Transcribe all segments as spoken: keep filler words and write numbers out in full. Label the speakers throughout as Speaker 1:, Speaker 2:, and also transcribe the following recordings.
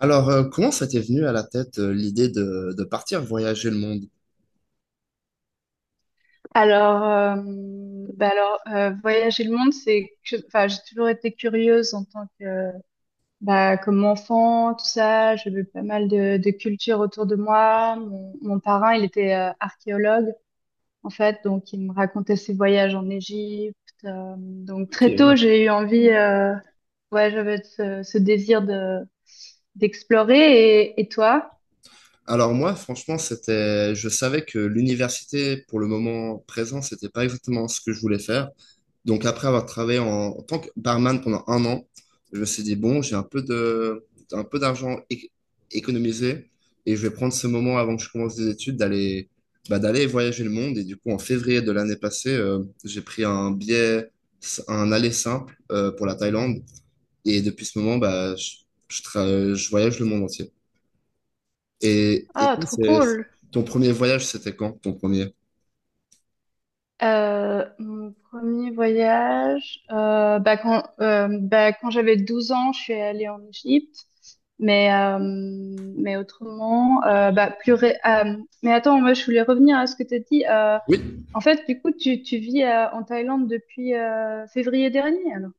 Speaker 1: Alors, euh, comment ça t'est venu à la tête euh, l'idée de, de partir voyager le monde?
Speaker 2: Alors, euh, bah alors euh, voyager le monde, c'est que, enfin, j'ai toujours été curieuse en tant que, bah, comme enfant, tout ça. J'ai vu pas mal de, de cultures autour de moi. Mon, mon parrain, il était euh, archéologue, en fait, donc il me racontait ses voyages en Égypte. euh, donc très tôt, j'ai eu envie, euh, ouais, j'avais ce, ce désir de d'explorer. Et, et toi?
Speaker 1: Alors moi, franchement, c'était, je savais que l'université, pour le moment présent, c'était pas exactement ce que je voulais faire. Donc après avoir travaillé en, en tant que barman pendant un an, je me suis dit, bon, j'ai un peu de, un peu d'argent é- économisé et je vais prendre ce moment avant que je commence des études d'aller, bah, d'aller voyager le monde. Et du coup, en février de l'année passée, euh, j'ai pris un billet, un aller simple euh, pour la Thaïlande. Et depuis ce moment, bah, je, je, tra- je voyage le monde entier. Et, et
Speaker 2: Ah,
Speaker 1: toi,
Speaker 2: trop
Speaker 1: c'est-
Speaker 2: cool.
Speaker 1: ton premier voyage, c'était quand, ton premier?
Speaker 2: Euh, mon premier voyage, euh, bah quand, euh, bah quand j'avais douze ans, je suis allée en Égypte. Mais, euh, mais autrement, euh, bah plus ré- euh, mais attends, moi je voulais revenir à ce que tu as dit. Euh,
Speaker 1: Oui,
Speaker 2: en fait, du coup, tu, tu vis euh, en Thaïlande depuis euh, février dernier, alors,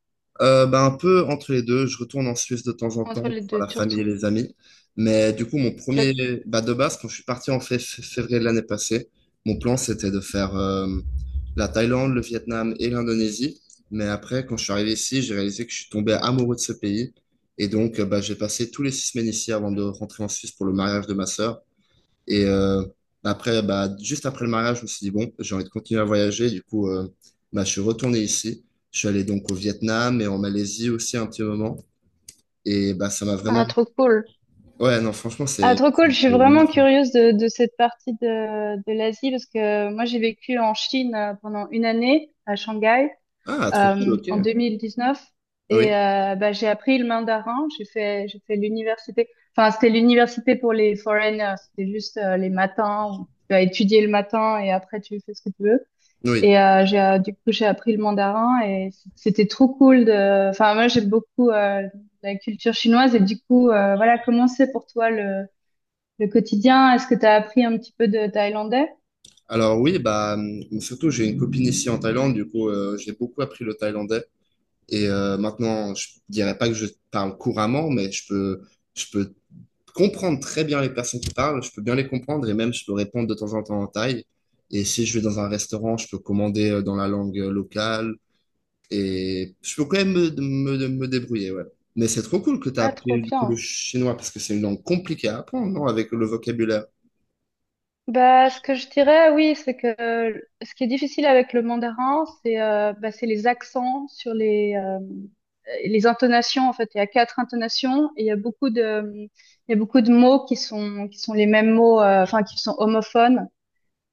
Speaker 1: euh, bah, un peu entre les deux. Je retourne en Suisse de temps en temps
Speaker 2: entre
Speaker 1: pour
Speaker 2: les
Speaker 1: voir
Speaker 2: deux
Speaker 1: la
Speaker 2: tours.
Speaker 1: famille et les amis. Mais du coup, mon premier, bah, de base, quand je suis parti en fé- fé- février de l'année passée, mon plan, c'était de faire euh, la Thaïlande, le Vietnam et l'Indonésie. Mais après, quand je suis arrivé ici, j'ai réalisé que je suis tombé amoureux de ce pays. Et donc, euh, bah, j'ai passé tous les six semaines ici avant de rentrer en Suisse pour le mariage de ma sœur. Et euh, après, bah, juste après le mariage, je me suis dit, bon, j'ai envie de continuer à voyager. Du coup, euh, bah, je suis retourné ici. Je suis allé donc au Vietnam et en Malaisie aussi un petit moment. Et bah, ça m'a vraiment...
Speaker 2: Ah, trop cool.
Speaker 1: Ouais, non, franchement,
Speaker 2: Ah,
Speaker 1: c'est...
Speaker 2: trop
Speaker 1: c'est
Speaker 2: cool. Je suis vraiment
Speaker 1: magnifique.
Speaker 2: curieuse de, de cette partie de, de l'Asie parce que moi, j'ai vécu en Chine euh, pendant une année à Shanghai.
Speaker 1: Ah, trop cool,
Speaker 2: euh, en
Speaker 1: ok.
Speaker 2: deux mille dix-neuf
Speaker 1: Oui,
Speaker 2: et euh, bah, j'ai appris le mandarin. J'ai fait j'ai fait l'université. Enfin, c'était l'université pour les foreigners. C'était juste euh, les matins où tu vas étudier le matin et après tu fais ce que tu veux.
Speaker 1: oui.
Speaker 2: Et euh, j'ai euh, du coup j'ai appris le mandarin et c- c'était trop cool de. Enfin, moi j'aime beaucoup euh, la culture chinoise et du coup euh, voilà comment c'est pour toi le le quotidien? Est-ce que tu as appris un petit peu de thaïlandais?
Speaker 1: Alors oui, bah, hum, surtout, j'ai une copine ici en Thaïlande. Du coup, euh, j'ai beaucoup appris le thaïlandais. Et euh, maintenant, je dirais pas que je parle couramment, mais je peux... Je peux comprendre très bien les personnes qui parlent, je peux bien les comprendre et même je peux répondre de temps en temps en thaï. Et si je vais dans un restaurant, je peux commander euh, dans la langue euh, locale et je peux quand même me, me, me débrouiller, ouais. Mais c'est trop cool que tu as
Speaker 2: Ah, trop
Speaker 1: appris du coup le
Speaker 2: bien.
Speaker 1: chinois parce que c'est une langue compliquée à apprendre, non, avec le vocabulaire.
Speaker 2: Bah, ce que je dirais, oui, c'est que euh, ce qui est difficile avec le mandarin, c'est euh, bah, c'est les accents sur les euh, les intonations. En fait, il y a quatre intonations et il y a beaucoup de il y a beaucoup de mots qui sont qui sont les mêmes mots, euh, enfin qui sont homophones.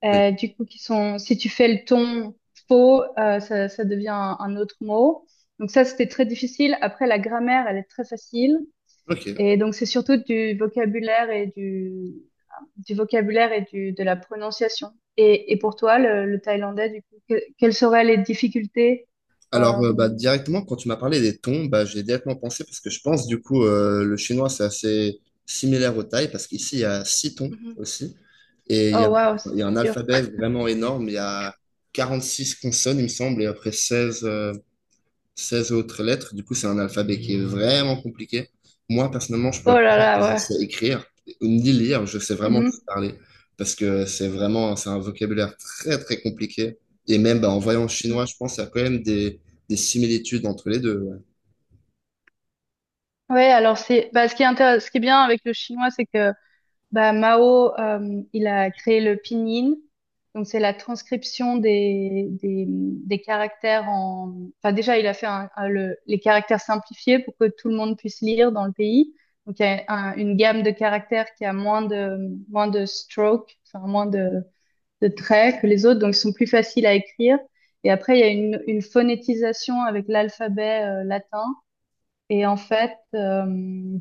Speaker 1: Oui.
Speaker 2: Euh, du coup, qui sont si tu fais le ton faux, euh, ça ça devient un, un autre mot. Donc ça, c'était très difficile. Après, la grammaire, elle est très facile.
Speaker 1: Ok.
Speaker 2: Et donc, c'est surtout du vocabulaire et du, du vocabulaire et du, de la prononciation. Et, et pour toi, le, le thaïlandais, du coup, que- quelles seraient les difficultés?
Speaker 1: Alors,
Speaker 2: Euh,
Speaker 1: euh, bah, directement, quand tu m'as parlé des tons, bah, j'ai directement pensé, parce que je pense, du coup, euh, le chinois, c'est assez similaire au thaï, parce qu'ici, il y a six tons
Speaker 2: mhm.
Speaker 1: aussi, et il y a,
Speaker 2: Oh, waouh, ça
Speaker 1: il y a
Speaker 2: c'est
Speaker 1: un
Speaker 2: dur.
Speaker 1: alphabet vraiment énorme, il y a quarante-six consonnes, il me semble, et après seize seize autres lettres. Du coup, c'est un alphabet qui est vraiment compliqué. Moi, personnellement, je pourrais
Speaker 2: Oh
Speaker 1: pas
Speaker 2: là
Speaker 1: dire que
Speaker 2: là,
Speaker 1: je
Speaker 2: ouais.
Speaker 1: sais écrire ni lire. Je sais vraiment
Speaker 2: Mhm,
Speaker 1: juste parler parce que c'est vraiment c'est un vocabulaire très très compliqué. Et même bah, en voyant le
Speaker 2: mhm.
Speaker 1: chinois, je pense qu'il y a quand même des, des similitudes entre les deux. Ouais.
Speaker 2: Ouais, alors c'est, bah, ce qui est intéress- ce qui est bien avec le chinois, c'est que Bah, Mao, euh, il a créé le pinyin. Donc, c'est la transcription des, des, des caractères en... Enfin, déjà, il a fait un- un- le- les caractères simplifiés pour que tout le monde puisse lire dans le pays. Donc, il y a un- une gamme de caractères qui a moins de, moins de strokes, enfin, moins de, de traits que les autres. Donc, ils sont plus faciles à écrire. Et après, il y a une, une phonétisation avec l'alphabet, euh, latin. Et en fait, euh,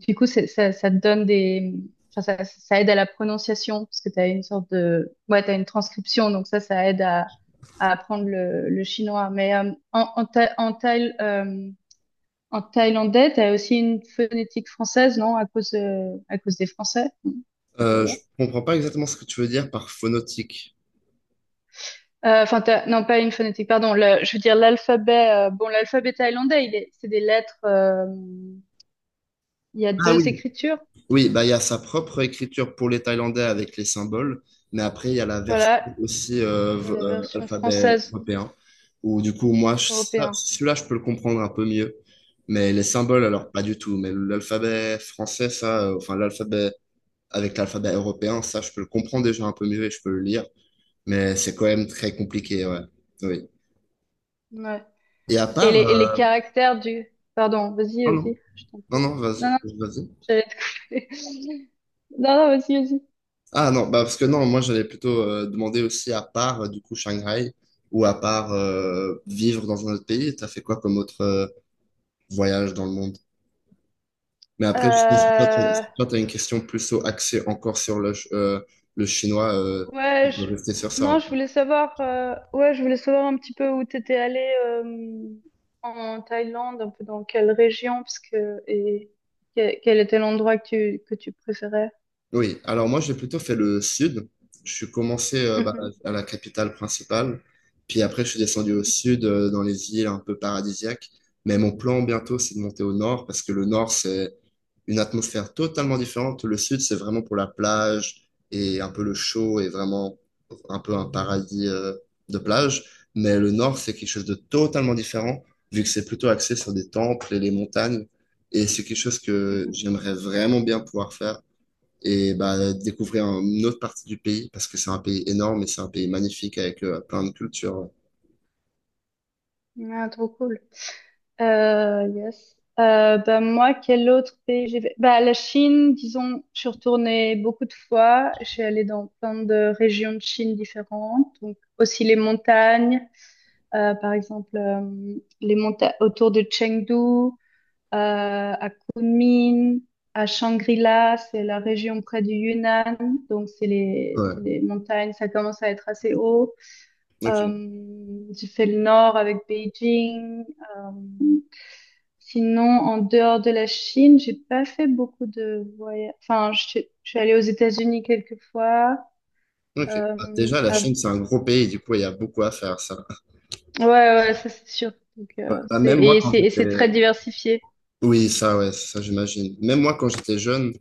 Speaker 2: du coup, c'est- ça, ça te donne des... Enfin, ça, ça aide à la prononciation, parce que tu as une sorte de... Ouais, tu une transcription, donc ça, ça aide à, à apprendre le, le chinois. Mais euh, en, en, Tha- en, Thaï- euh, en thaïlandais, tu as aussi une phonétique française, non? À cause, de- à cause des Français. Non, c'était
Speaker 1: Euh, je
Speaker 2: là-bas.
Speaker 1: comprends pas exactement ce que tu veux dire par phonotique.
Speaker 2: Euh, Enfin, t'as- non, pas une phonétique, pardon. le- je veux dire l'alphabet. euh, bon, l'alphabet thaïlandais, il est, c'est des lettres. euh, il y a
Speaker 1: Ah oui.
Speaker 2: deux écritures.
Speaker 1: Oui, bah, il y a sa propre écriture pour les Thaïlandais avec les symboles, mais après, il y a la version
Speaker 2: Voilà.
Speaker 1: aussi euh,
Speaker 2: Il y a
Speaker 1: v-
Speaker 2: la
Speaker 1: euh,
Speaker 2: version
Speaker 1: alphabet
Speaker 2: française.
Speaker 1: européen, où du coup, moi, je- ça-
Speaker 2: Européen.
Speaker 1: celui-là, je peux le comprendre un peu mieux, mais les symboles,
Speaker 2: Ouais.
Speaker 1: alors pas du tout, mais l'alphabet français, ça, euh, enfin, l'alphabet avec l'alphabet européen, ça, je peux le comprendre déjà un peu mieux et je peux le lire, mais c'est quand même très compliqué, ouais. Oui.
Speaker 2: Ouais.
Speaker 1: Et à
Speaker 2: Et
Speaker 1: part,
Speaker 2: les, et
Speaker 1: euh,
Speaker 2: les caractères du... Pardon, vas-y,
Speaker 1: non, non,
Speaker 2: vas-y, je t'en
Speaker 1: non,
Speaker 2: prie.
Speaker 1: non,
Speaker 2: Non, non,
Speaker 1: vas-y, vas-y.
Speaker 2: j'allais te couper. Non, non, vas-y, vas-y.
Speaker 1: Ah non, bah parce que non, moi j'allais plutôt euh, demander aussi à part euh, du coup Shanghai ou à part euh, vivre dans un autre pays, t'as fait quoi comme autre euh, voyage dans le monde? Mais après, je pense que toi, t'as
Speaker 2: Euh,
Speaker 1: toi, t'as une question plus au- axée encore sur le, ch- euh, le chinois, euh, on
Speaker 2: Ouais,
Speaker 1: peut
Speaker 2: je...
Speaker 1: rester sur ça.
Speaker 2: Non,
Speaker 1: Hein.
Speaker 2: je voulais savoir... euh, ouais, je voulais savoir un petit peu où t'étais allé euh, en Thaïlande, un peu dans quelle région, parce que... Et que- quel était l'endroit que tu, que tu préférais.
Speaker 1: Oui, alors moi j'ai plutôt fait le sud. Je suis commencé euh, bah,
Speaker 2: Mhm,
Speaker 1: à la capitale principale, puis après je suis descendu au sud euh, dans les îles un peu paradisiaques. Mais mon plan bientôt c'est de monter au nord parce que le nord c'est une atmosphère totalement différente. Le sud c'est vraiment pour la plage et un peu le chaud et vraiment un peu un paradis euh, de plage. Mais le nord c'est quelque chose de totalement différent vu que c'est plutôt axé sur des temples et les montagnes. Et c'est quelque chose que
Speaker 2: mhm.
Speaker 1: j'aimerais vraiment bien pouvoir faire et bah, découvrir une autre partie du pays parce que c'est un pays énorme et c'est un pays magnifique avec euh, plein de cultures.
Speaker 2: Ah, trop cool. Euh, yes. Euh, bah, moi, quel autre pays j'ai fait? Bah, la Chine, disons, je suis retournée beaucoup de fois. Je suis allée dans plein de régions de Chine différentes. Donc, aussi les montagnes, euh, par exemple, euh, les montagnes autour de Chengdu, euh, à Kunming, à Shangri-La, c'est la région près du Yunnan. Donc, c'est les,
Speaker 1: Ouais,
Speaker 2: c'est les montagnes, ça commence à être assez haut.
Speaker 1: ok,
Speaker 2: Euh, j'ai fait le nord avec Beijing. Euh, sinon, en dehors de la Chine, j'ai pas fait beaucoup de voyages. Enfin, je suis je suis allée aux États-Unis quelques fois.
Speaker 1: ok. Bah,
Speaker 2: Euh,
Speaker 1: déjà, la
Speaker 2: ah,
Speaker 1: Chine, c'est un gros pays, du coup, il y a beaucoup à faire, ça.
Speaker 2: ouais, ouais, ouais, ça c'est sûr. Donc,
Speaker 1: Ouais,
Speaker 2: euh,
Speaker 1: bah,
Speaker 2: c'est,
Speaker 1: même moi,
Speaker 2: et
Speaker 1: quand
Speaker 2: c'est, et c'est
Speaker 1: j'étais...
Speaker 2: très diversifié.
Speaker 1: Oui, ça, ouais, ça, j'imagine. Même moi, quand j'étais jeune,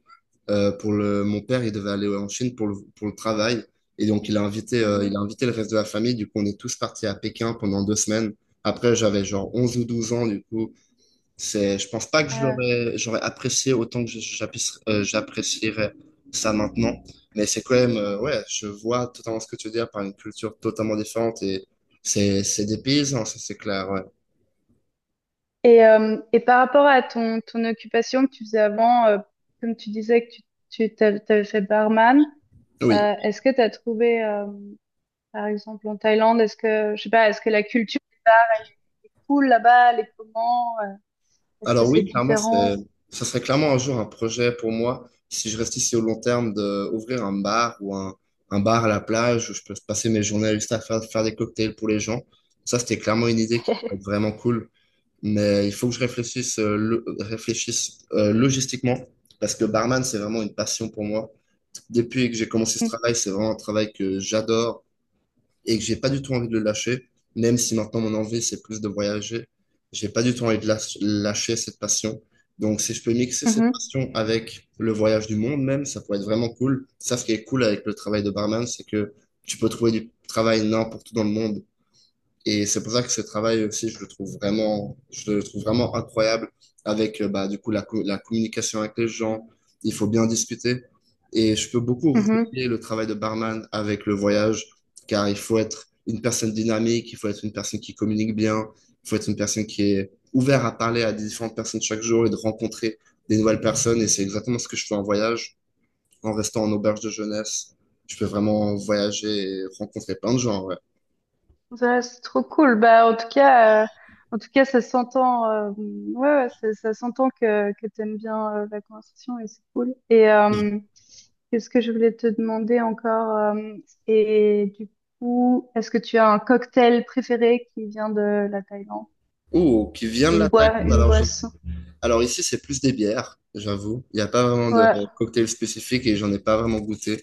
Speaker 1: euh, pour le... Mon père, il devait aller en Chine pour le, pour le travail. Et donc, il a invité, euh,
Speaker 2: Mhm.
Speaker 1: il a invité le reste de la famille. Du coup, on est tous partis à Pékin pendant deux semaines. Après, j'avais genre onze ou douze ans, du coup. C'est, je pense pas que
Speaker 2: Euh,
Speaker 1: j'aurais, j'aurais apprécié autant que je- j'apprécie- euh, j'apprécierais ça maintenant. Mais c'est quand même, euh, ouais, je vois totalement ce que tu veux dire par une culture totalement différente et c'est, c'est des paysans, ça c'est clair, ouais.
Speaker 2: et, euh, et par rapport à ton, ton occupation que tu faisais avant, euh, comme tu disais que tu, tu t'avais, t'avais fait barman,
Speaker 1: Oui.
Speaker 2: euh, est-ce que tu as trouvé euh, Par exemple, en Thaïlande, est-ce que, je sais pas, est-ce que la culture est cool là-bas? Les comment? Euh, Est-ce que
Speaker 1: Alors
Speaker 2: c'est
Speaker 1: oui, clairement, c'est,
Speaker 2: différent?
Speaker 1: ça serait clairement un jour un projet pour moi, si je reste ici au long terme, de ouvrir un bar ou un, un bar à la plage où je peux passer mes journées juste à faire, faire des cocktails pour les gens. Ça, c'était clairement une idée qui pourrait être vraiment cool. Mais il faut que je réfléchisse, euh, le- réfléchisse euh, logistiquement, parce que barman, c'est vraiment une passion pour moi. Depuis que j'ai commencé ce travail, c'est vraiment un travail que j'adore et que j'ai pas du tout envie de le lâcher. Même si maintenant mon envie, c'est plus de voyager, j'ai pas du tout envie de lâ- lâcher cette passion. Donc, si je peux mixer cette
Speaker 2: Mhm,
Speaker 1: passion avec le voyage du monde même, ça pourrait être vraiment cool. Ça, ce qui est cool avec le travail de barman, c'est que tu peux trouver du travail n'importe où dans le monde. Et c'est pour ça que ce travail aussi, je le trouve vraiment, je le trouve vraiment incroyable avec, euh, bah, du coup, la, co- la communication avec les gens. Il faut bien discuter. Et je peux beaucoup
Speaker 2: mhm. Mhm.
Speaker 1: relier le travail de barman avec le voyage, car il faut être une personne dynamique, il faut être une personne qui communique bien, il faut être une personne qui est ouverte à parler à des différentes personnes chaque jour et de rencontrer des nouvelles personnes. Et c'est exactement ce que je fais en voyage, en restant en auberge de jeunesse. Je peux vraiment voyager et rencontrer plein de gens, ouais.
Speaker 2: Ça, c'est trop cool. Bah, en tout cas, euh, en tout cas, ça s'entend. euh, ouais, ouais, ça, ça s'entend que que t'aimes bien euh, la conversation et c'est cool. Et euh, qu'est-ce que je voulais te demander encore? euh, et du coup, est-ce que tu as un cocktail préféré qui vient de la Thaïlande?
Speaker 1: Oh, qui vient de la
Speaker 2: Une boisson,
Speaker 1: Thaïlande,
Speaker 2: une
Speaker 1: alors je...
Speaker 2: boisson.
Speaker 1: Alors ici, c'est plus des bières, j'avoue. Il n'y a pas vraiment de
Speaker 2: Ouais.
Speaker 1: cocktail spécifique et j'en ai pas vraiment goûté,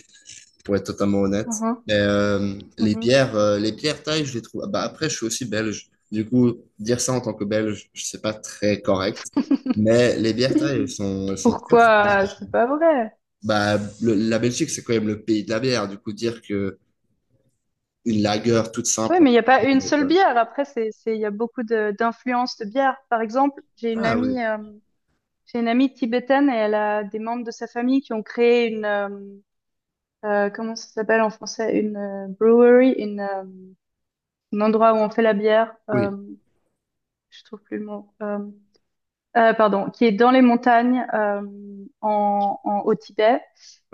Speaker 1: pour être totalement honnête.
Speaker 2: Mhm,
Speaker 1: Mais euh, les
Speaker 2: mhm.
Speaker 1: bières, euh, les bières thaï, je les trouve. Bah, après, je suis aussi belge. Du coup, dire ça en tant que belge, je sais pas très correct. Mais les bières thaï, elles sont, elles sont très très
Speaker 2: Pourquoi?
Speaker 1: bonnes.
Speaker 2: C'est pas vrai.
Speaker 1: Bah, le- la Belgique, c'est quand même le pays de la bière. Du coup, dire que une lager toute
Speaker 2: Oui,
Speaker 1: simple.
Speaker 2: mais il n'y a pas une seule bière. Après, c'est, c'est, il y a beaucoup de, d'influences de bière. Par exemple, j'ai une
Speaker 1: Ah oui,
Speaker 2: amie, euh, j'ai une amie tibétaine et elle a des membres de sa famille qui ont créé une, euh, euh, comment ça s'appelle en français? Une euh, brewery, une, euh, un endroit où on fait la bière. Euh,
Speaker 1: oui,
Speaker 2: je trouve plus le mot. Euh, Euh, pardon, qui est dans les montagnes euh, en, en- au Tibet.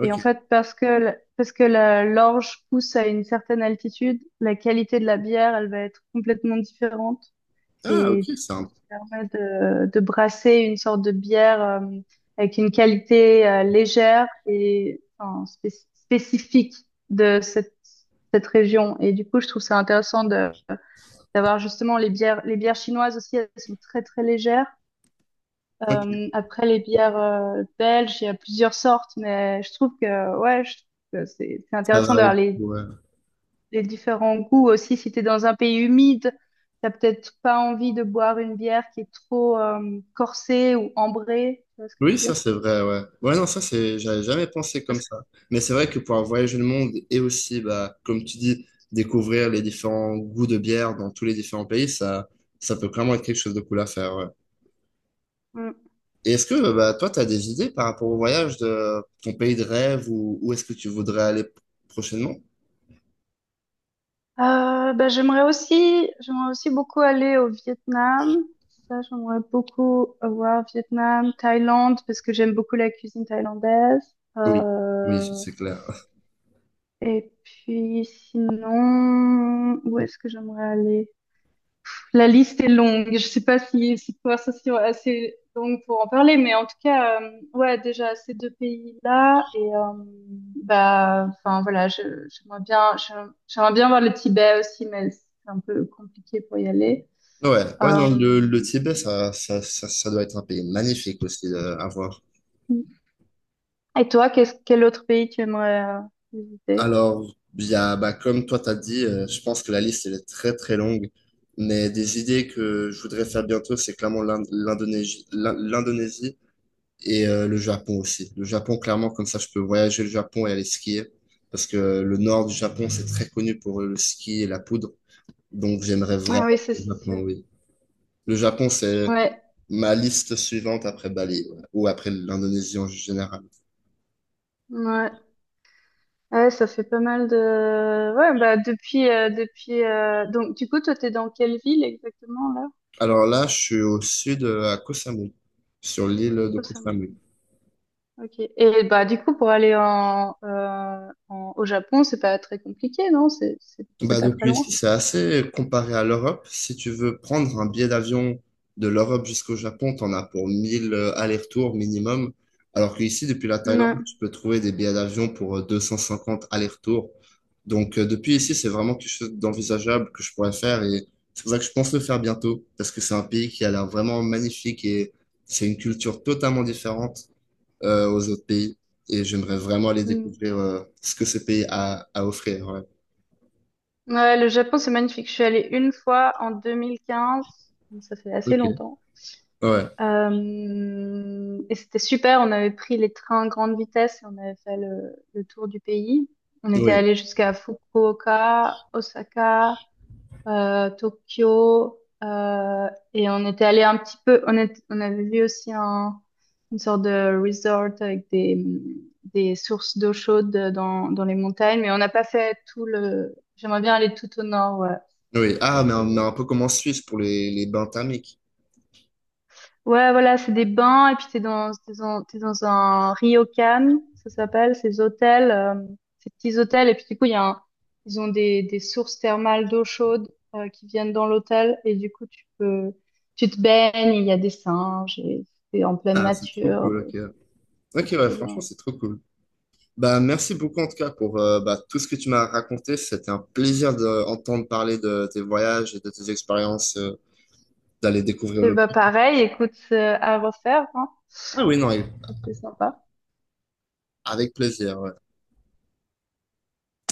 Speaker 2: Et en fait, parce que, l- parce que la- l'orge pousse à une certaine altitude, la qualité de la bière, elle va être complètement différente.
Speaker 1: Ah ok,
Speaker 2: Et du coup,
Speaker 1: simple.
Speaker 2: ça permet de, de brasser une sorte de bière euh, avec une qualité euh, légère et enfin, spéc- spécifique de cette, cette région. Et du coup, je trouve ça intéressant de, d'avoir justement les bières, les bières chinoises aussi, elles sont très très légères.
Speaker 1: Ok,
Speaker 2: Euh, après, les bières euh, belges, il y a plusieurs sortes, mais je trouve que, ouais, je trouve que c'est c'est
Speaker 1: ça
Speaker 2: intéressant
Speaker 1: varie
Speaker 2: d'avoir les,
Speaker 1: beaucoup. Ouais.
Speaker 2: les différents goûts aussi. Si t'es dans un pays humide, t'as peut-être pas envie de boire une bière qui est trop euh, corsée ou ambrée. Tu vois ce que
Speaker 1: Oui,
Speaker 2: je veux
Speaker 1: ça
Speaker 2: dire?
Speaker 1: c'est vrai, ouais. Ouais, non, ça c'est, j'avais jamais pensé comme
Speaker 2: Parce que-
Speaker 1: ça. Mais c'est vrai que pouvoir voyager le monde et aussi, bah, comme tu dis, découvrir les différents goûts de bière dans tous les différents pays, ça, ça peut clairement être quelque chose de cool à faire, ouais.
Speaker 2: Mm.
Speaker 1: Et est-ce que, bah, toi, t'as des idées par rapport au voyage de ton pays de rêve ou où est-ce que tu voudrais aller prochainement?
Speaker 2: Euh, ben, j'aimerais aussi, j'aimerais aussi beaucoup aller au Vietnam. Ça, j'aimerais beaucoup voir Vietnam, Thaïlande, parce que j'aime beaucoup la cuisine thaïlandaise.
Speaker 1: Oui, oui,
Speaker 2: Euh,
Speaker 1: c'est clair.
Speaker 2: Et puis sinon, où est-ce que j'aimerais aller? La liste est longue. Je sais pas si cette conversation est assez longue pour en parler, mais en tout cas, euh, ouais, déjà ces deux pays-là et euh, bah, enfin voilà, je- j'aimerais bien, j'aimerais j'aimerais bien voir le Tibet aussi, mais c'est un peu compliqué pour y aller.
Speaker 1: Ouais, ouais, non,
Speaker 2: Euh,
Speaker 1: le, le Tibet, ça, ça, ça, ça doit être un pays magnifique aussi euh, à voir.
Speaker 2: et toi, qu'est-ce, quel autre pays tu aimerais euh, visiter?
Speaker 1: Alors, il y a, bah, comme toi t'as dit, euh, je pense que la liste elle est très très longue, mais des idées que je voudrais faire bientôt, c'est clairement l'Ind- l'Indonésie, l'In- l'Indonésie et euh, le Japon aussi. Le Japon, clairement, comme ça, je peux voyager le Japon et aller skier, parce que le nord du Japon, c'est très connu pour le ski et la poudre, donc j'aimerais
Speaker 2: Ah
Speaker 1: vraiment
Speaker 2: oui, ça
Speaker 1: le
Speaker 2: c'est
Speaker 1: Japon,
Speaker 2: sûr.
Speaker 1: oui. Le Japon, c'est
Speaker 2: Ouais,
Speaker 1: ma liste suivante après Bali, ouais, ou après l'Indonésie en général.
Speaker 2: ouais. Ouais, ça fait pas mal de... Ouais, bah depuis... euh, depuis euh, Donc, du coup, toi, t'es dans quelle ville exactement, là?
Speaker 1: Alors là, je suis au sud, euh, à Koh Samui, sur l'île de Koh
Speaker 2: Récemment.
Speaker 1: Samui.
Speaker 2: Ok. Et bah, du coup, pour aller en, euh, en- au Japon, c'est pas très compliqué, non? C'est c'est- c'est
Speaker 1: Bah
Speaker 2: pas très
Speaker 1: depuis ici,
Speaker 2: loin.
Speaker 1: c'est assez comparé à l'Europe. Si tu veux prendre un billet d'avion de l'Europe jusqu'au Japon, t'en as pour mille euh, allers-retours minimum. Alors qu'ici, depuis la Thaïlande,
Speaker 2: Ouais.
Speaker 1: tu peux trouver des billets d'avion pour euh, deux cent cinquante allers-retours. Donc euh, depuis ici, c'est vraiment quelque chose d'envisageable que je pourrais faire et c'est pour ça que je pense le faire bientôt parce que c'est un pays qui a l'air vraiment magnifique et c'est une culture totalement différente euh, aux autres pays et j'aimerais vraiment aller
Speaker 2: Mm.
Speaker 1: découvrir euh, ce que ce pays a à offrir. Ouais.
Speaker 2: Ouais, le Japon, c'est magnifique. Je suis allée une fois en deux mille quinze, donc ça fait assez
Speaker 1: Ok.
Speaker 2: longtemps.
Speaker 1: Ouais.
Speaker 2: Euh, et c'était super, on avait pris les trains à grande vitesse et on avait fait le, le tour du pays. On était
Speaker 1: Oui,
Speaker 2: allé jusqu'à Fukuoka, Osaka, euh, Tokyo, euh, et on était allé un petit peu, on, est- on avait vu aussi un, une sorte de resort avec des, des sources d'eau chaude dans, dans les montagnes, mais on n'a pas fait tout le... J'aimerais bien aller tout au nord, ouais.
Speaker 1: oui.
Speaker 2: Ce serait
Speaker 1: Ah, mais on a
Speaker 2: cool.
Speaker 1: un peu comme en Suisse pour les, les bains thermiques.
Speaker 2: Ouais, voilà, c'est des bains et puis t'es dans, t'es dans, t'es dans un ryokan, ça s'appelle, ces hôtels, euh, ces petits hôtels. Et puis du coup, il y a un- ils ont des, des sources thermales d'eau chaude euh, qui viennent dans l'hôtel et du coup, tu peux, tu te baignes, il y a des singes et c'est en pleine
Speaker 1: Ah, c'est trop
Speaker 2: nature
Speaker 1: cool,
Speaker 2: et
Speaker 1: ok.
Speaker 2: c'est
Speaker 1: Ok,
Speaker 2: beaucoup.
Speaker 1: ouais,
Speaker 2: euh.
Speaker 1: franchement, c'est trop cool. Bah, merci beaucoup en tout cas pour euh, bah, tout ce que tu m'as raconté. C'était un plaisir d'entendre parler de tes voyages et de tes expériences, euh, d'aller découvrir
Speaker 2: Et
Speaker 1: le...
Speaker 2: bah pareil, écoute, euh, à refaire, hein,
Speaker 1: Ah oui, non,
Speaker 2: c'est sympa.
Speaker 1: avec plaisir. Ouais.